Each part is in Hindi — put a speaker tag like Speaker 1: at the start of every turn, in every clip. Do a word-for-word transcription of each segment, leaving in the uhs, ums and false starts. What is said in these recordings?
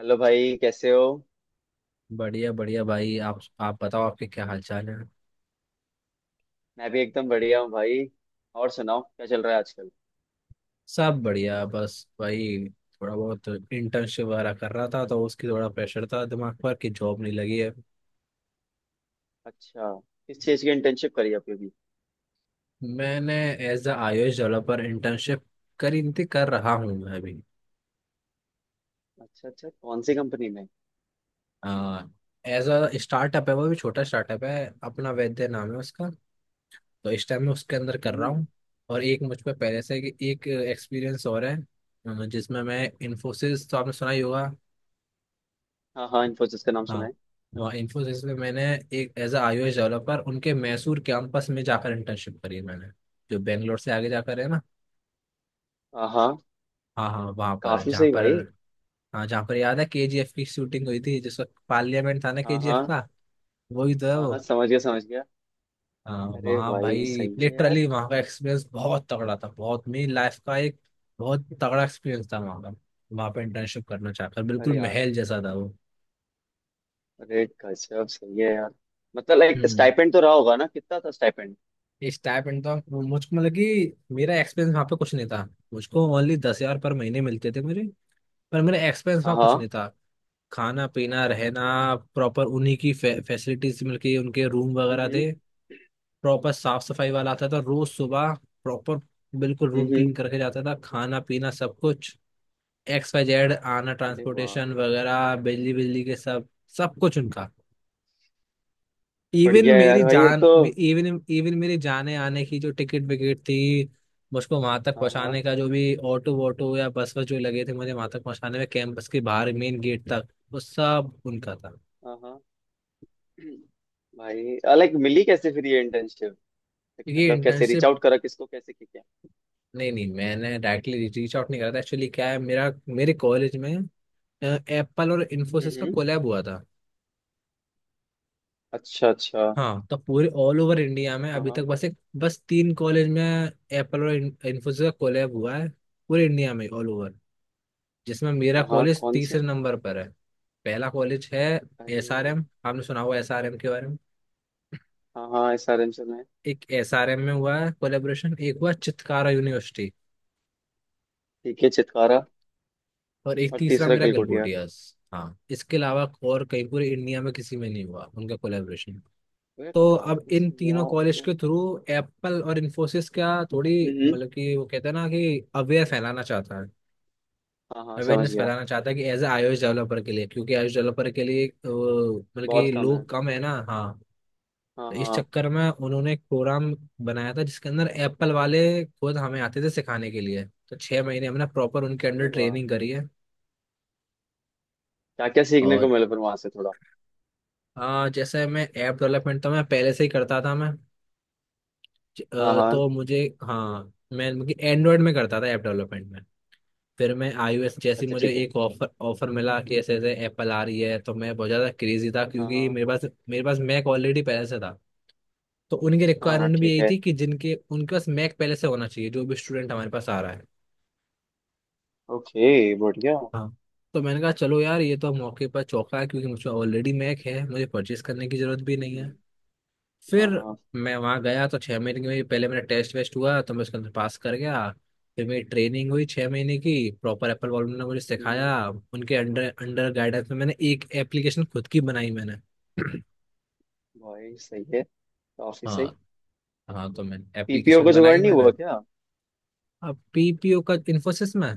Speaker 1: हेलो भाई, कैसे हो।
Speaker 2: बढ़िया बढ़िया भाई, आप आप बताओ, आपके क्या हाल चाल है।
Speaker 1: मैं भी एकदम बढ़िया हूँ भाई। और सुनाओ, क्या चल रहा है आजकल।
Speaker 2: सब बढ़िया, बस भाई थोड़ा बहुत इंटर्नशिप वगैरह कर रहा था तो उसकी थोड़ा प्रेशर था दिमाग पर कि जॉब नहीं लगी है।
Speaker 1: अच्छा। किस चीज़ की इंटर्नशिप करी आपने अभी।
Speaker 2: मैंने एज अ आई ओ एस डेवलपर इंटर्नशिप करी थी, कर रहा हूँ मैं अभी।
Speaker 1: अच्छा अच्छा, कौन सी कंपनी में।
Speaker 2: एज अ स्टार्टअप है, वो भी छोटा स्टार्टअप है, अपना वैद्य नाम है उसका, तो इस टाइम मैं उसके अंदर कर रहा
Speaker 1: हम्म।
Speaker 2: हूँ। और एक मुझ पर पहले से कि एक एक्सपीरियंस और है। अ, जिसमें मैं, इन्फोसिस तो आपने सुना ही होगा।
Speaker 1: हाँ हाँ, इन्फोसिस का नाम सुना
Speaker 2: हाँ।
Speaker 1: है।
Speaker 2: और इन्फोसिस में मैंने एक एज अ आईओएस डेवलपर उनके मैसूर कैंपस में जाकर इंटर्नशिप करी है मैंने। जो बेंगलोर से आगे जाकर है ना।
Speaker 1: हाँ हाँ।
Speaker 2: हाँ हाँ, वहाँ पर
Speaker 1: काफी
Speaker 2: जहाँ
Speaker 1: सही
Speaker 2: पर।
Speaker 1: भाई।
Speaker 2: हाँ, जहाँ पर याद है के जी एफ की शूटिंग हुई थी जिस वक्त पार्लियामेंट था ना
Speaker 1: हाँ
Speaker 2: के जी एफ
Speaker 1: हाँ।
Speaker 2: का। वही तो है
Speaker 1: हाँ
Speaker 2: वो।
Speaker 1: हाँ, समझ गया समझ गया।
Speaker 2: हाँ,
Speaker 1: अरे
Speaker 2: वहाँ
Speaker 1: भाई,
Speaker 2: भाई।
Speaker 1: सही है यार।
Speaker 2: लिटरली वहाँ का एक्सपीरियंस बहुत तगड़ा था, बहुत मेरी लाइफ का एक बहुत तगड़ा एक्सपीरियंस था वहाँ का। वहाँ पर इंटर्नशिप करना चाहकर
Speaker 1: अरे
Speaker 2: बिल्कुल
Speaker 1: यार।
Speaker 2: महल जैसा था वो।
Speaker 1: अरे गजब सही है यार। मतलब लाइक
Speaker 2: हम्म।
Speaker 1: स्टाइपेंड तो रहा होगा ना, कितना था स्टाइपेंड।
Speaker 2: स्टाइपेंड तो आप- मुझको, मतलब कि मेरा एक्सपेंस वहाँ पे कुछ नहीं था। मुझको ओनली दस हजार पर महीने मिलते थे मुझे। पर मेरा एक्सपेंस
Speaker 1: हाँ
Speaker 2: वहाँ कुछ
Speaker 1: हाँ।
Speaker 2: नहीं था। खाना पीना रहना, प्रॉपर उन्हीं की फे, फैसिलिटीज मिल के उनके रूम
Speaker 1: हम्म
Speaker 2: वगैरह
Speaker 1: हम्म।
Speaker 2: थे। प्रॉपर साफ सफाई वाला आता था रोज सुबह। प्रॉपर बिल्कुल रूम
Speaker 1: हम्म, हम्म।
Speaker 2: क्लीन करके जाता था, खाना पीना सब कुछ। एक्स वाई जेड आना,
Speaker 1: अरे वाह।
Speaker 2: ट्रांसपोर्टेशन वगैरह, बिजली बिजली के सब, सब कुछ उनका। इवन
Speaker 1: बढ़िया है
Speaker 2: मेरी
Speaker 1: यार भाई ये
Speaker 2: जान
Speaker 1: तो।
Speaker 2: इवन इवन मेरी जाने आने की जो टिकट विकेट थी, मुझको वहां तक
Speaker 1: हाँ हाँ।
Speaker 2: पहुंचाने का जो भी ऑटो वोटो या बस वस जो लगे थे मुझे वहां तक पहुंचाने में कैंपस के बाहर मेन गेट तक, वो सब उनका था।
Speaker 1: हाँ हाँ। भाई लाइक, मिली कैसे फिर ये इंटर्नशिप।
Speaker 2: ये
Speaker 1: मतलब कैसे रीच
Speaker 2: इंटर्नशिप।
Speaker 1: आउट करा, किसको कैसे किया।
Speaker 2: नहीं नहीं, मैंने डायरेक्टली रीच आउट नहीं करा था, एक्चुअली क्या है, मेरा मेरे कॉलेज में एप्पल और इन्फोसिस का
Speaker 1: हम्म।
Speaker 2: कोलैब हुआ था।
Speaker 1: अच्छा अच्छा।
Speaker 2: हाँ, तो पूरे ऑल ओवर इंडिया में
Speaker 1: हाँ
Speaker 2: अभी तक
Speaker 1: हाँ।
Speaker 2: बस एक, बस तीन कॉलेज में एप्पल और इन्फोसिस का कोलैब हुआ है, पूरे इंडिया में ऑल ओवर, जिसमें मेरा
Speaker 1: हाँ हाँ,
Speaker 2: कॉलेज
Speaker 1: कौन से।
Speaker 2: तीसरे नंबर पर है। पहला कॉलेज है
Speaker 1: अरे।
Speaker 2: एस आर एम, आपने सुना होगा एस आर एम के बारे में।
Speaker 1: हाँ हाँ, एस आर एम से में।
Speaker 2: एक एस आर एम में हुआ है कोलेबोरेशन, एक हुआ चितकारा यूनिवर्सिटी,
Speaker 1: ठीक है चितकारा।
Speaker 2: और एक
Speaker 1: और
Speaker 2: तीसरा
Speaker 1: तीसरा
Speaker 2: मेरा
Speaker 1: कलकोटिया।
Speaker 2: गलगोटियास। हाँ, इसके अलावा और कहीं पूरे इंडिया में किसी में नहीं हुआ उनका कोलेबोरेशन।
Speaker 1: तो यार
Speaker 2: तो अब
Speaker 1: काफी
Speaker 2: इन
Speaker 1: से
Speaker 2: तीनों
Speaker 1: यार, ये
Speaker 2: कॉलेज
Speaker 1: तो।
Speaker 2: के थ्रू एप्पल और इन्फोसिस क्या थोड़ी,
Speaker 1: हम्म।
Speaker 2: मतलब कि वो कहते हैं ना कि अवेयर फैलाना चाहता है,
Speaker 1: हाँ हाँ, समझ
Speaker 2: अवेयरनेस
Speaker 1: गया।
Speaker 2: फैलाना चाहता है कि एज ए आई ओ एस डेवलपर के लिए, क्योंकि आई ओ एस डेवलपर के लिए अ, मतलब कि
Speaker 1: बहुत कम है।
Speaker 2: लोग कम है ना, हाँ।
Speaker 1: हाँ
Speaker 2: तो इस
Speaker 1: हाँ।
Speaker 2: चक्कर में उन्होंने एक प्रोग्राम बनाया था जिसके अंदर एप्पल वाले खुद हमें आते थे सिखाने के लिए। तो छह महीने हमने प्रॉपर उनके
Speaker 1: अरे
Speaker 2: अंडर
Speaker 1: वाह।
Speaker 2: ट्रेनिंग करी है।
Speaker 1: क्या क्या सीखने को
Speaker 2: और
Speaker 1: मिला फिर वहां से थोड़ा।
Speaker 2: आ, जैसे मैं ऐप डेवलपमेंट तो मैं पहले से ही करता था मैं। ज-
Speaker 1: हाँ
Speaker 2: अ,
Speaker 1: हाँ।
Speaker 2: तो मुझे, हाँ मैं एंड्रॉयड में करता था ऐप डेवलपमेंट में। फिर मैं आईओएस, जैसे ही
Speaker 1: अच्छा
Speaker 2: मुझे
Speaker 1: ठीक है।
Speaker 2: एक ऑफर ऑफर मिला कि ऐसे ऐसे एप्पल आ रही है, तो मैं बहुत ज़्यादा क्रेजी था
Speaker 1: हाँ हाँ।
Speaker 2: क्योंकि मेरे पास मेरे पास मैक ऑलरेडी पहले से था। तो उनकी
Speaker 1: हाँ हाँ
Speaker 2: रिक्वायरमेंट भी
Speaker 1: ठीक
Speaker 2: यही
Speaker 1: है।
Speaker 2: थी कि जिनके उनके पास मैक पहले से होना चाहिए, जो भी स्टूडेंट हमारे पास आ रहा है।
Speaker 1: ओके बढ़िया।
Speaker 2: हाँ, तो मैंने कहा चलो यार, ये तो मौके पर चौका है, क्योंकि मुझे ऑलरेडी मैक है, मुझे परचेस करने की जरूरत भी नहीं है।
Speaker 1: हम्म।
Speaker 2: फिर
Speaker 1: हाँ हाँ।
Speaker 2: मैं वहाँ गया तो छः महीने में पहले मेरा टेस्ट वेस्ट हुआ, तो मैं उसके अंदर पास कर गया। फिर मेरी ट्रेनिंग हुई छः महीने की, प्रॉपर एप्पल वॉलम ने मुझे
Speaker 1: हम्म।
Speaker 2: सिखाया। उनके अंडर अंडर गाइडेंस में मैंने एक एप्लीकेशन खुद की बनाई मैंने।
Speaker 1: भाई सही है। काफी सही।
Speaker 2: हाँ हाँ, तो मैंने
Speaker 1: पी पी ओ
Speaker 2: एप्लीकेशन
Speaker 1: का जुगाड़
Speaker 2: बनाई
Speaker 1: नहीं
Speaker 2: मैंने।
Speaker 1: हुआ क्या।
Speaker 2: अब पी पी ओ का इन्फोसिस में,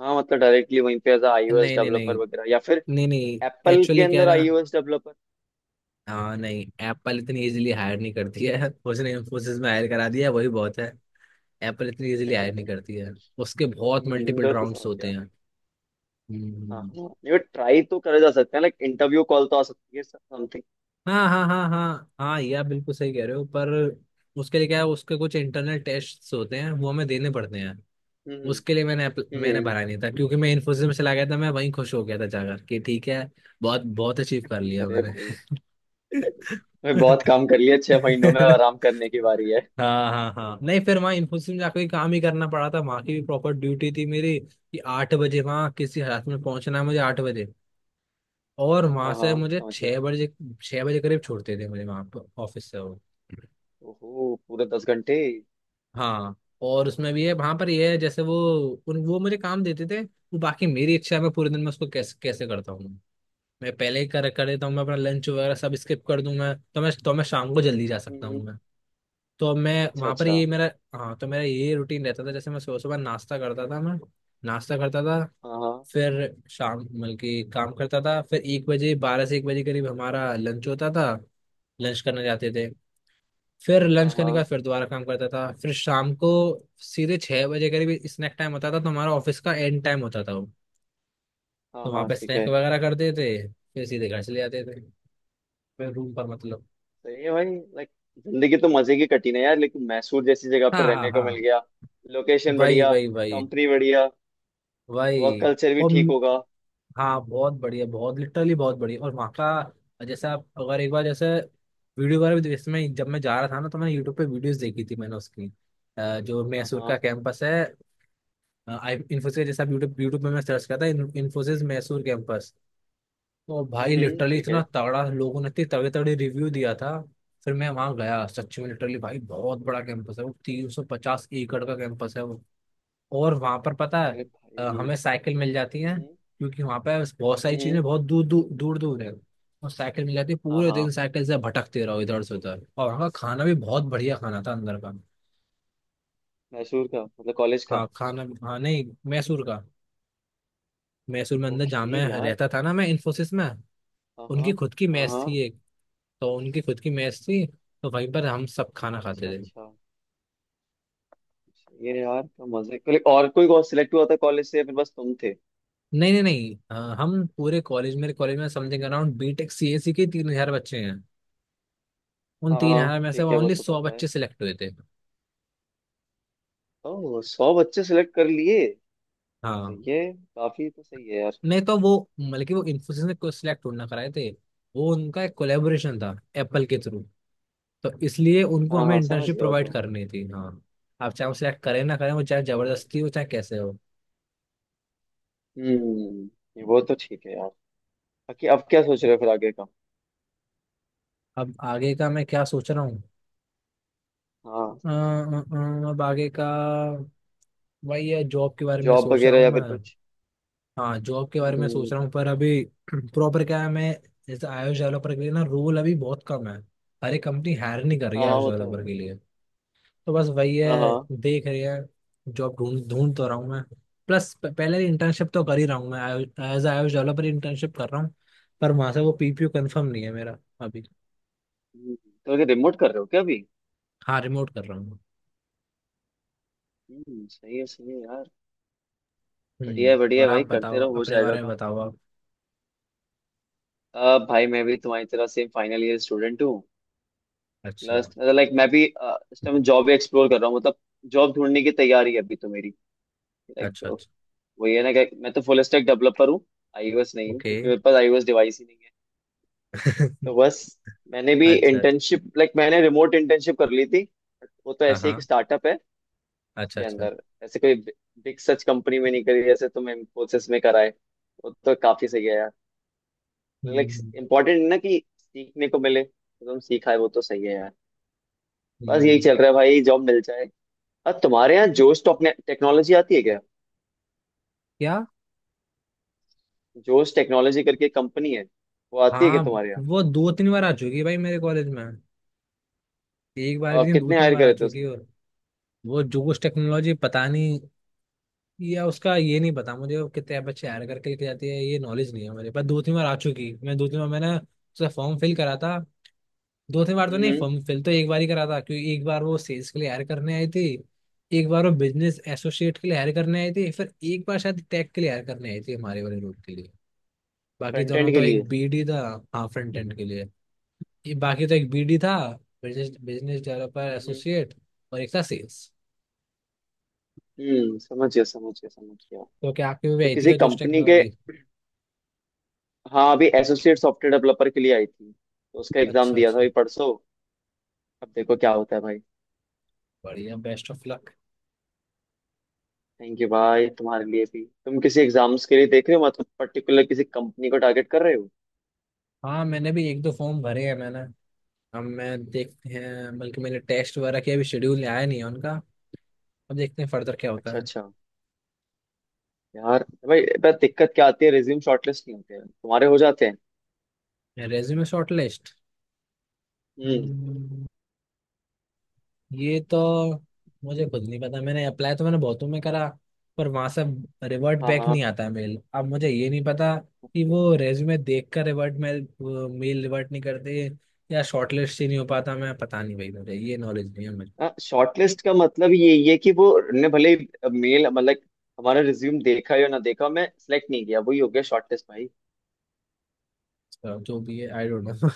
Speaker 1: हाँ मतलब डायरेक्टली वहीं पे एज आई ओ एस
Speaker 2: नहीं नहीं
Speaker 1: डेवलपर
Speaker 2: नहीं
Speaker 1: वगैरह, या फिर।
Speaker 2: नहीं नहीं,
Speaker 1: एप्पल के
Speaker 2: एक्चुअली कह
Speaker 1: अंदर
Speaker 2: रहा,
Speaker 1: आई ओ एस डेवलपर।
Speaker 2: हाँ नहीं, एप्पल इतनी इजीली हायर नहीं करती है, उसने इन्फोसिस में हायर करा दिया वही बहुत है। एप्पल इतनी इजीली हायर नहीं करती है, उसके बहुत मल्टीपल
Speaker 1: अंदर तो
Speaker 2: राउंड्स
Speaker 1: समझ
Speaker 2: होते
Speaker 1: गया।
Speaker 2: हैं।
Speaker 1: हाँ
Speaker 2: हम्म।
Speaker 1: हाँ। नहीं ट्राई तो करा जा सकता है, लाइक इंटरव्यू कॉल तो आ सकती है समथिंग।
Speaker 2: हाँ हाँ हाँ हाँ हाँ, ये आप बिल्कुल सही कह रहे हो, पर उसके लिए क्या है, उसके कुछ इंटरनल टेस्ट होते हैं वो हमें देने पड़ते हैं।
Speaker 1: हम्म।
Speaker 2: उसके लिए मैंने appl- मैंने
Speaker 1: हम्म।
Speaker 2: भरा नहीं था क्योंकि मैं इन्फोसिस में चला गया था, मैं वहीं खुश हो गया था जाकर कि ठीक है, बहुत बहुत अचीव कर लिया
Speaker 1: अरे
Speaker 2: मैंने।
Speaker 1: भाई। मैं बहुत काम कर लिया, छह महीनों में आराम करने की बारी है।
Speaker 2: हाँ हाँ हाँ नहीं, फिर वहाँ इन्फोसिस में जाकर ही काम ही करना पड़ा था, वहाँ की भी प्रॉपर ड्यूटी थी मेरी कि आठ बजे वहाँ किसी हालत में पहुंचना है मुझे, आठ बजे, और वहां
Speaker 1: हाँ हाँ,
Speaker 2: से मुझे
Speaker 1: समझ गया।
Speaker 2: छह बजे, छह बजे करीब छोड़ते थे मुझे वहां पर ऑफिस से वो।
Speaker 1: ओहो, पूरे दस घंटे।
Speaker 2: हाँ, और उसमें भी है वहां पर, ये है जैसे वो उन वो मुझे काम देते थे, वो बाकी मेरी इच्छा है मैं पूरे दिन में उसको कैसे कैसे करता हूँ। मैं पहले ही कर कर देता हूँ, मैं अपना लंच वगैरह सब स्किप कर दूं, मैं तो मैं तो मैं शाम को जल्दी जा
Speaker 1: हम्म
Speaker 2: सकता
Speaker 1: हम्म।
Speaker 2: हूँ। तो अब मैं
Speaker 1: अच्छा
Speaker 2: वहां पर
Speaker 1: अच्छा।
Speaker 2: ये मेरा, हाँ, तो मेरा ये रूटीन रहता था, जैसे मैं सुबह सुबह नाश्ता करता था मैं, नाश्ता करता था,
Speaker 1: हाँ हाँ
Speaker 2: फिर शाम मतलब कि काम करता था, फिर एक बजे बारह से एक बजे करीब हमारा लंच होता था, लंच करने जाते थे। फिर
Speaker 1: हाँ।
Speaker 2: लंच करने के
Speaker 1: हाँ
Speaker 2: बाद फिर दोबारा काम करता था, फिर शाम को सीधे छह बजे करीब स्नैक टाइम होता था, तो हमारा ऑफिस का एंड टाइम होता था वो,
Speaker 1: हाँ
Speaker 2: तो वहाँ
Speaker 1: हाँ
Speaker 2: पे
Speaker 1: ठीक
Speaker 2: स्नैक
Speaker 1: है।
Speaker 2: वगैरह करते थे फिर सीधे घर चले जाते थे, फिर रूम पर मतलब।
Speaker 1: सही है भाई। लाइक। जिंदगी तो मजे की कटी है यार, लेकिन मैसूर जैसी जगह पर
Speaker 2: हाँ हाँ
Speaker 1: रहने को मिल
Speaker 2: हाँ,
Speaker 1: गया। लोकेशन
Speaker 2: वही
Speaker 1: बढ़िया।
Speaker 2: वही वही
Speaker 1: कंपनी बढ़िया। वर्क
Speaker 2: वही,
Speaker 1: कल्चर भी
Speaker 2: और
Speaker 1: ठीक होगा।
Speaker 2: हाँ बहुत बढ़िया, बहुत लिटरली बहुत बढ़िया, और वहाँ का, जैसे आप अगर एक बार जैसे वीडियो वगैरह भी इसमें, जब मैं जा रहा था ना तो मैंने यूट्यूब पे वीडियोस देखी थी मैंने उसकी, अ, जो
Speaker 1: हाँ
Speaker 2: मैसूर
Speaker 1: हाँ।
Speaker 2: का कैंपस है, आई इन्फोसिस, जैसे आप यूट्यूब यूट्यूब पे मैं सर्च करता, इन्फोसिस मैसूर कैंपस, तो
Speaker 1: हम्म
Speaker 2: भाई
Speaker 1: हम्म,
Speaker 2: लिटरली
Speaker 1: ठीक है।
Speaker 2: इतना तगड़ा, लोगों ने इतनी तगड़े तगड़े रिव्यू दिया था। फिर मैं वहाँ गया, सच में लिटरली भाई बहुत बड़ा कैंपस है वो, तीन सौ पचास एकड़ का कैंपस है। और वहां पर पता है,
Speaker 1: अरे
Speaker 2: अ,
Speaker 1: भाई।
Speaker 2: हमें साइकिल मिल जाती है
Speaker 1: हम्म।
Speaker 2: क्योंकि वहां पर बहुत सारी
Speaker 1: हम्म।
Speaker 2: चीजें बहुत दूर दूर दूर दूर है। और साइकिल मिल जाती है,
Speaker 1: हाँ
Speaker 2: पूरे
Speaker 1: हाँ।
Speaker 2: दिन साइकिल से भटकते रहो इधर से उधर, और वहाँ का खाना भी बहुत बढ़िया, खाना था अंदर का।
Speaker 1: मैसूर का मतलब कॉलेज का।
Speaker 2: हाँ खाना, हाँ नहीं, मैसूर का, मैसूर में अंदर जहाँ
Speaker 1: ओके
Speaker 2: मैं
Speaker 1: यार।
Speaker 2: रहता था ना मैं इन्फोसिस में,
Speaker 1: हाँ हाँ।
Speaker 2: उनकी खुद की
Speaker 1: हाँ
Speaker 2: मेस थी
Speaker 1: हाँ।
Speaker 2: एक, तो उनकी खुद की मेस थी, तो वहीं पर हम सब खाना
Speaker 1: अच्छा
Speaker 2: खाते थे।
Speaker 1: अच्छा। सही है यार, तो मजे के लिए और कोई और सिलेक्ट हुआ था कॉलेज से या फिर बस तुम थे।
Speaker 2: नहीं नहीं नहीं, अ, हम पूरे कॉलेज, मेरे कॉलेज में समथिंग अराउंड बी टेक सी ए सी के तीन हजार बच्चे हैं। उन
Speaker 1: हाँ
Speaker 2: तीन
Speaker 1: हाँ।
Speaker 2: हजार में से
Speaker 1: ठीक है, वो
Speaker 2: ओनली
Speaker 1: तो
Speaker 2: सौ
Speaker 1: पता है।
Speaker 2: बच्चे सिलेक्ट हुए थे।
Speaker 1: तो सौ बच्चे सिलेक्ट कर लिए। सही
Speaker 2: हाँ,
Speaker 1: है, काफी तो सही है यार।
Speaker 2: नहीं तो वो मतलब कि वो इन्फोसिस ने कोई सिलेक्ट ना कराए थे, वो उनका एक कोलेबोरेशन था एप्पल के थ्रू, तो इसलिए उनको
Speaker 1: हाँ
Speaker 2: हमें
Speaker 1: हाँ, समझ
Speaker 2: इंटर्नशिप
Speaker 1: गया वो
Speaker 2: प्रोवाइड
Speaker 1: तो।
Speaker 2: करनी थी, हाँ। आप चाहे वो सिलेक्ट करें ना करें, वो चाहे
Speaker 1: हाँ।
Speaker 2: जबरदस्ती हो चाहे कैसे हो।
Speaker 1: हम्म। ये वो तो ठीक है यार। बाकी अब क्या सोच रहे हो फिर आगे का।
Speaker 2: अब आगे का मैं क्या सोच रहा हूँ,
Speaker 1: हाँ।
Speaker 2: अ, अ, अ, अब आगे का वही है, जॉब के बारे में
Speaker 1: जॉब
Speaker 2: सोच रहा
Speaker 1: वगैरह
Speaker 2: हूँ
Speaker 1: या
Speaker 2: मैं।
Speaker 1: फिर कुछ।
Speaker 2: हाँ, जॉब के बारे में सोच
Speaker 1: हम्म।
Speaker 2: रहा हूँ पर अभी प्रॉपर क्या है मैं, जैसे i O S डेवलपर के लिए ना, रोल अभी बहुत कम है। हर एक कंपनी हायर नहीं कर रही
Speaker 1: हाँ
Speaker 2: है
Speaker 1: हाँ
Speaker 2: i O S
Speaker 1: वो तो
Speaker 2: डेवलपर के लिए, तो बस वही
Speaker 1: है। हाँ
Speaker 2: है,
Speaker 1: हाँ।
Speaker 2: देख रही है, जॉब ढूंढ ढूंढ तो रहा हूँ मैं। प्लस प- पहले इंटर्नशिप तो कर ही रहा हूँ मैं, as i O S developer internship कर रहा हूँ, पर वहां से वो पी पी यू कंफर्म नहीं है मेरा अभी।
Speaker 1: हम्म, तो अगर रिमोट कर रहे हो क्या अभी।
Speaker 2: हाँ, रिमोट कर रहा हूँ।
Speaker 1: हम्म, सही है सही है यार। बढ़िया है
Speaker 2: हम्म
Speaker 1: बढ़िया है
Speaker 2: और आप
Speaker 1: भाई, करते
Speaker 2: बताओ,
Speaker 1: रहो, हो
Speaker 2: अपने
Speaker 1: जाएगा
Speaker 2: बारे में
Speaker 1: काम।
Speaker 2: बताओ आप।
Speaker 1: अब भाई, मैं भी तुम्हारी तरह सेम फाइनल ईयर स्टूडेंट हूँ।
Speaker 2: अच्छा
Speaker 1: प्लस लाइक मैं भी अ, इस टाइम जॉब एक्सप्लोर कर रहा हूँ मतलब। जॉब ढूंढने की तैयारी है अभी तो मेरी। लाइक।
Speaker 2: अच्छा। अच्छा।
Speaker 1: वही है ना कि मैं तो फुल स्टैक डेवलपर हूँ। आई ओ एस नहीं हूँ,
Speaker 2: ओके
Speaker 1: क्योंकि मेरे पास आई ओ एस डिवाइस ही नहीं है। तो बस। मैंने भी
Speaker 2: अच्छा अच्छा।
Speaker 1: इंटर्नशिप, लाइक मैंने रिमोट इंटर्नशिप कर ली थी। वो तो
Speaker 2: हाँ
Speaker 1: ऐसे ही एक
Speaker 2: हाँ।
Speaker 1: स्टार्टअप है।
Speaker 2: अच्छा
Speaker 1: उसके
Speaker 2: अच्छा।
Speaker 1: अंदर। ऐसे कोई। बिग सच कंपनी में नहीं करी जैसे तुम इन्फोसिस में कराए। वो तो काफी सही है यार। लाइक।
Speaker 2: हम्म
Speaker 1: इम्पोर्टेंट है ना कि सीखने को मिले, तो तुम सीखा है वो तो सही है यार। बस यही
Speaker 2: हम्म।
Speaker 1: चल रहा है भाई, जॉब मिल जाए। अब तुम्हारे यहाँ जोश। टेक्नोलॉजी आती है क्या।
Speaker 2: क्या?
Speaker 1: जोश टेक्नोलॉजी करके कंपनी है। वो आती है क्या
Speaker 2: हाँ,
Speaker 1: तुम्हारे यहाँ।
Speaker 2: वो दो तीन बार आ चुकी है भाई मेरे कॉलेज में। एक बार
Speaker 1: और
Speaker 2: भी नहीं, दो
Speaker 1: कितने
Speaker 2: तीन
Speaker 1: हायर
Speaker 2: बार आ
Speaker 1: करे थे
Speaker 2: चुकी
Speaker 1: उसने।
Speaker 2: है, और वो जोश टेक्नोलॉजी पता नहीं, या उसका ये नहीं पता मुझे, वो कितने बच्चे हायर करके लेके जाती है ये नॉलेज नहीं है मेरे पास। दो तीन बार आ चुकी, मैं दो तीन बार मैंने उसका फॉर्म फिल करा था। दो तीन बार तो नहीं,
Speaker 1: हम्म।
Speaker 2: फॉर्म फिल तो एक बार ही करा था, क्योंकि एक बार वो सेल्स के लिए हायर करने आई थी, एक बार वो बिजनेस एसोसिएट के लिए हायर करने आई थी, फिर एक बार शायद टेक के लिए हायर करने आई थी हमारे वाले रोड के लिए। बाकी
Speaker 1: फ्रंट एंड
Speaker 2: दोनों
Speaker 1: के
Speaker 2: तो
Speaker 1: लिए।
Speaker 2: एक बी डी था। हाँ, फ्रंट एंड के लिए। ये बाकी तो एक बीडी था, बिजनेस बिजनेस डेवलपर
Speaker 1: हम्म।
Speaker 2: एसोसिएट, और एक था सेल्स।
Speaker 1: हम्म, समझ गया समझ गया समझ गया।
Speaker 2: तो क्या आपकी भी
Speaker 1: तो
Speaker 2: आई थी
Speaker 1: किसी
Speaker 2: क्या जोश
Speaker 1: कंपनी के।
Speaker 2: टेक्नोलॉजी?
Speaker 1: हाँ, अभी एसोसिएट सॉफ्टवेयर डेवलपर के लिए आई थी, तो उसका एग्जाम
Speaker 2: अच्छा
Speaker 1: दिया था अभी
Speaker 2: अच्छा,
Speaker 1: परसों। अब देखो क्या होता है भाई।
Speaker 2: बढ़िया, best of luck.
Speaker 1: Thank you भाई। तुम्हारे लिए भी, तुम किसी एग्जाम्स के लिए देख रहे हो मतलब? पर्टिकुलर किसी कंपनी को टारगेट कर रहे हो?
Speaker 2: हाँ, मैंने भी एक दो फॉर्म भरे हैं मैंने, अब मैं देखते हैं, बल्कि मैंने टेस्ट वगैरह किया अभी, शेड्यूल आया नहीं है उनका, अब देखते हैं फर्दर क्या होता
Speaker 1: अच्छा अच्छा। यार भाई, पर दिक्कत क्या आती है, रिज्यूम शॉर्टलिस्ट नहीं होते हैं तुम्हारे, हो जाते हैं।
Speaker 2: है। रेज्यूमे शॉर्ट लिस्ट
Speaker 1: हम्म।
Speaker 2: ये तो मुझे खुद नहीं पता, मैंने अप्लाई तो मैंने बहुतों में करा, पर वहां से रिवर्ट
Speaker 1: हाँ
Speaker 2: बैक
Speaker 1: हाँ।
Speaker 2: नहीं आता है मेल। अब मुझे ये नहीं पता कि
Speaker 1: ओके।
Speaker 2: वो रेज्यूमे देख कर रिवर्ट मेल मेल रिवर्ट नहीं करते, या शॉर्टलिस्ट ही नहीं हो पाता, मैं पता नहीं भाई मुझे, ये नॉलेज नहीं है मुझे।
Speaker 1: शॉर्टलिस्ट का मतलब यही है कि वो। ने भले। मेल मतलब। हमारा रिज्यूम देखा या ना देखा, मैं सिलेक्ट नहीं किया, वही हो गया शॉर्टलिस्ट भाई।
Speaker 2: तो जो भी है, आई डोंट नो।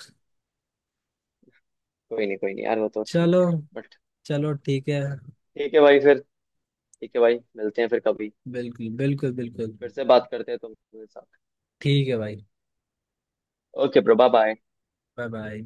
Speaker 1: कोई नहीं कोई नहीं यार, वो तो ठीक
Speaker 2: चलो,
Speaker 1: है। बट।
Speaker 2: चलो ठीक है।
Speaker 1: ठीक है भाई फिर। ठीक है भाई, मिलते हैं फिर कभी।
Speaker 2: बिल्कुल बिल्कुल बिल्कुल।
Speaker 1: फिर से बात करते हैं तुम मेरे साथ।
Speaker 2: ठीक है भाई।
Speaker 1: Okay bro, bye bye.
Speaker 2: Bye bye.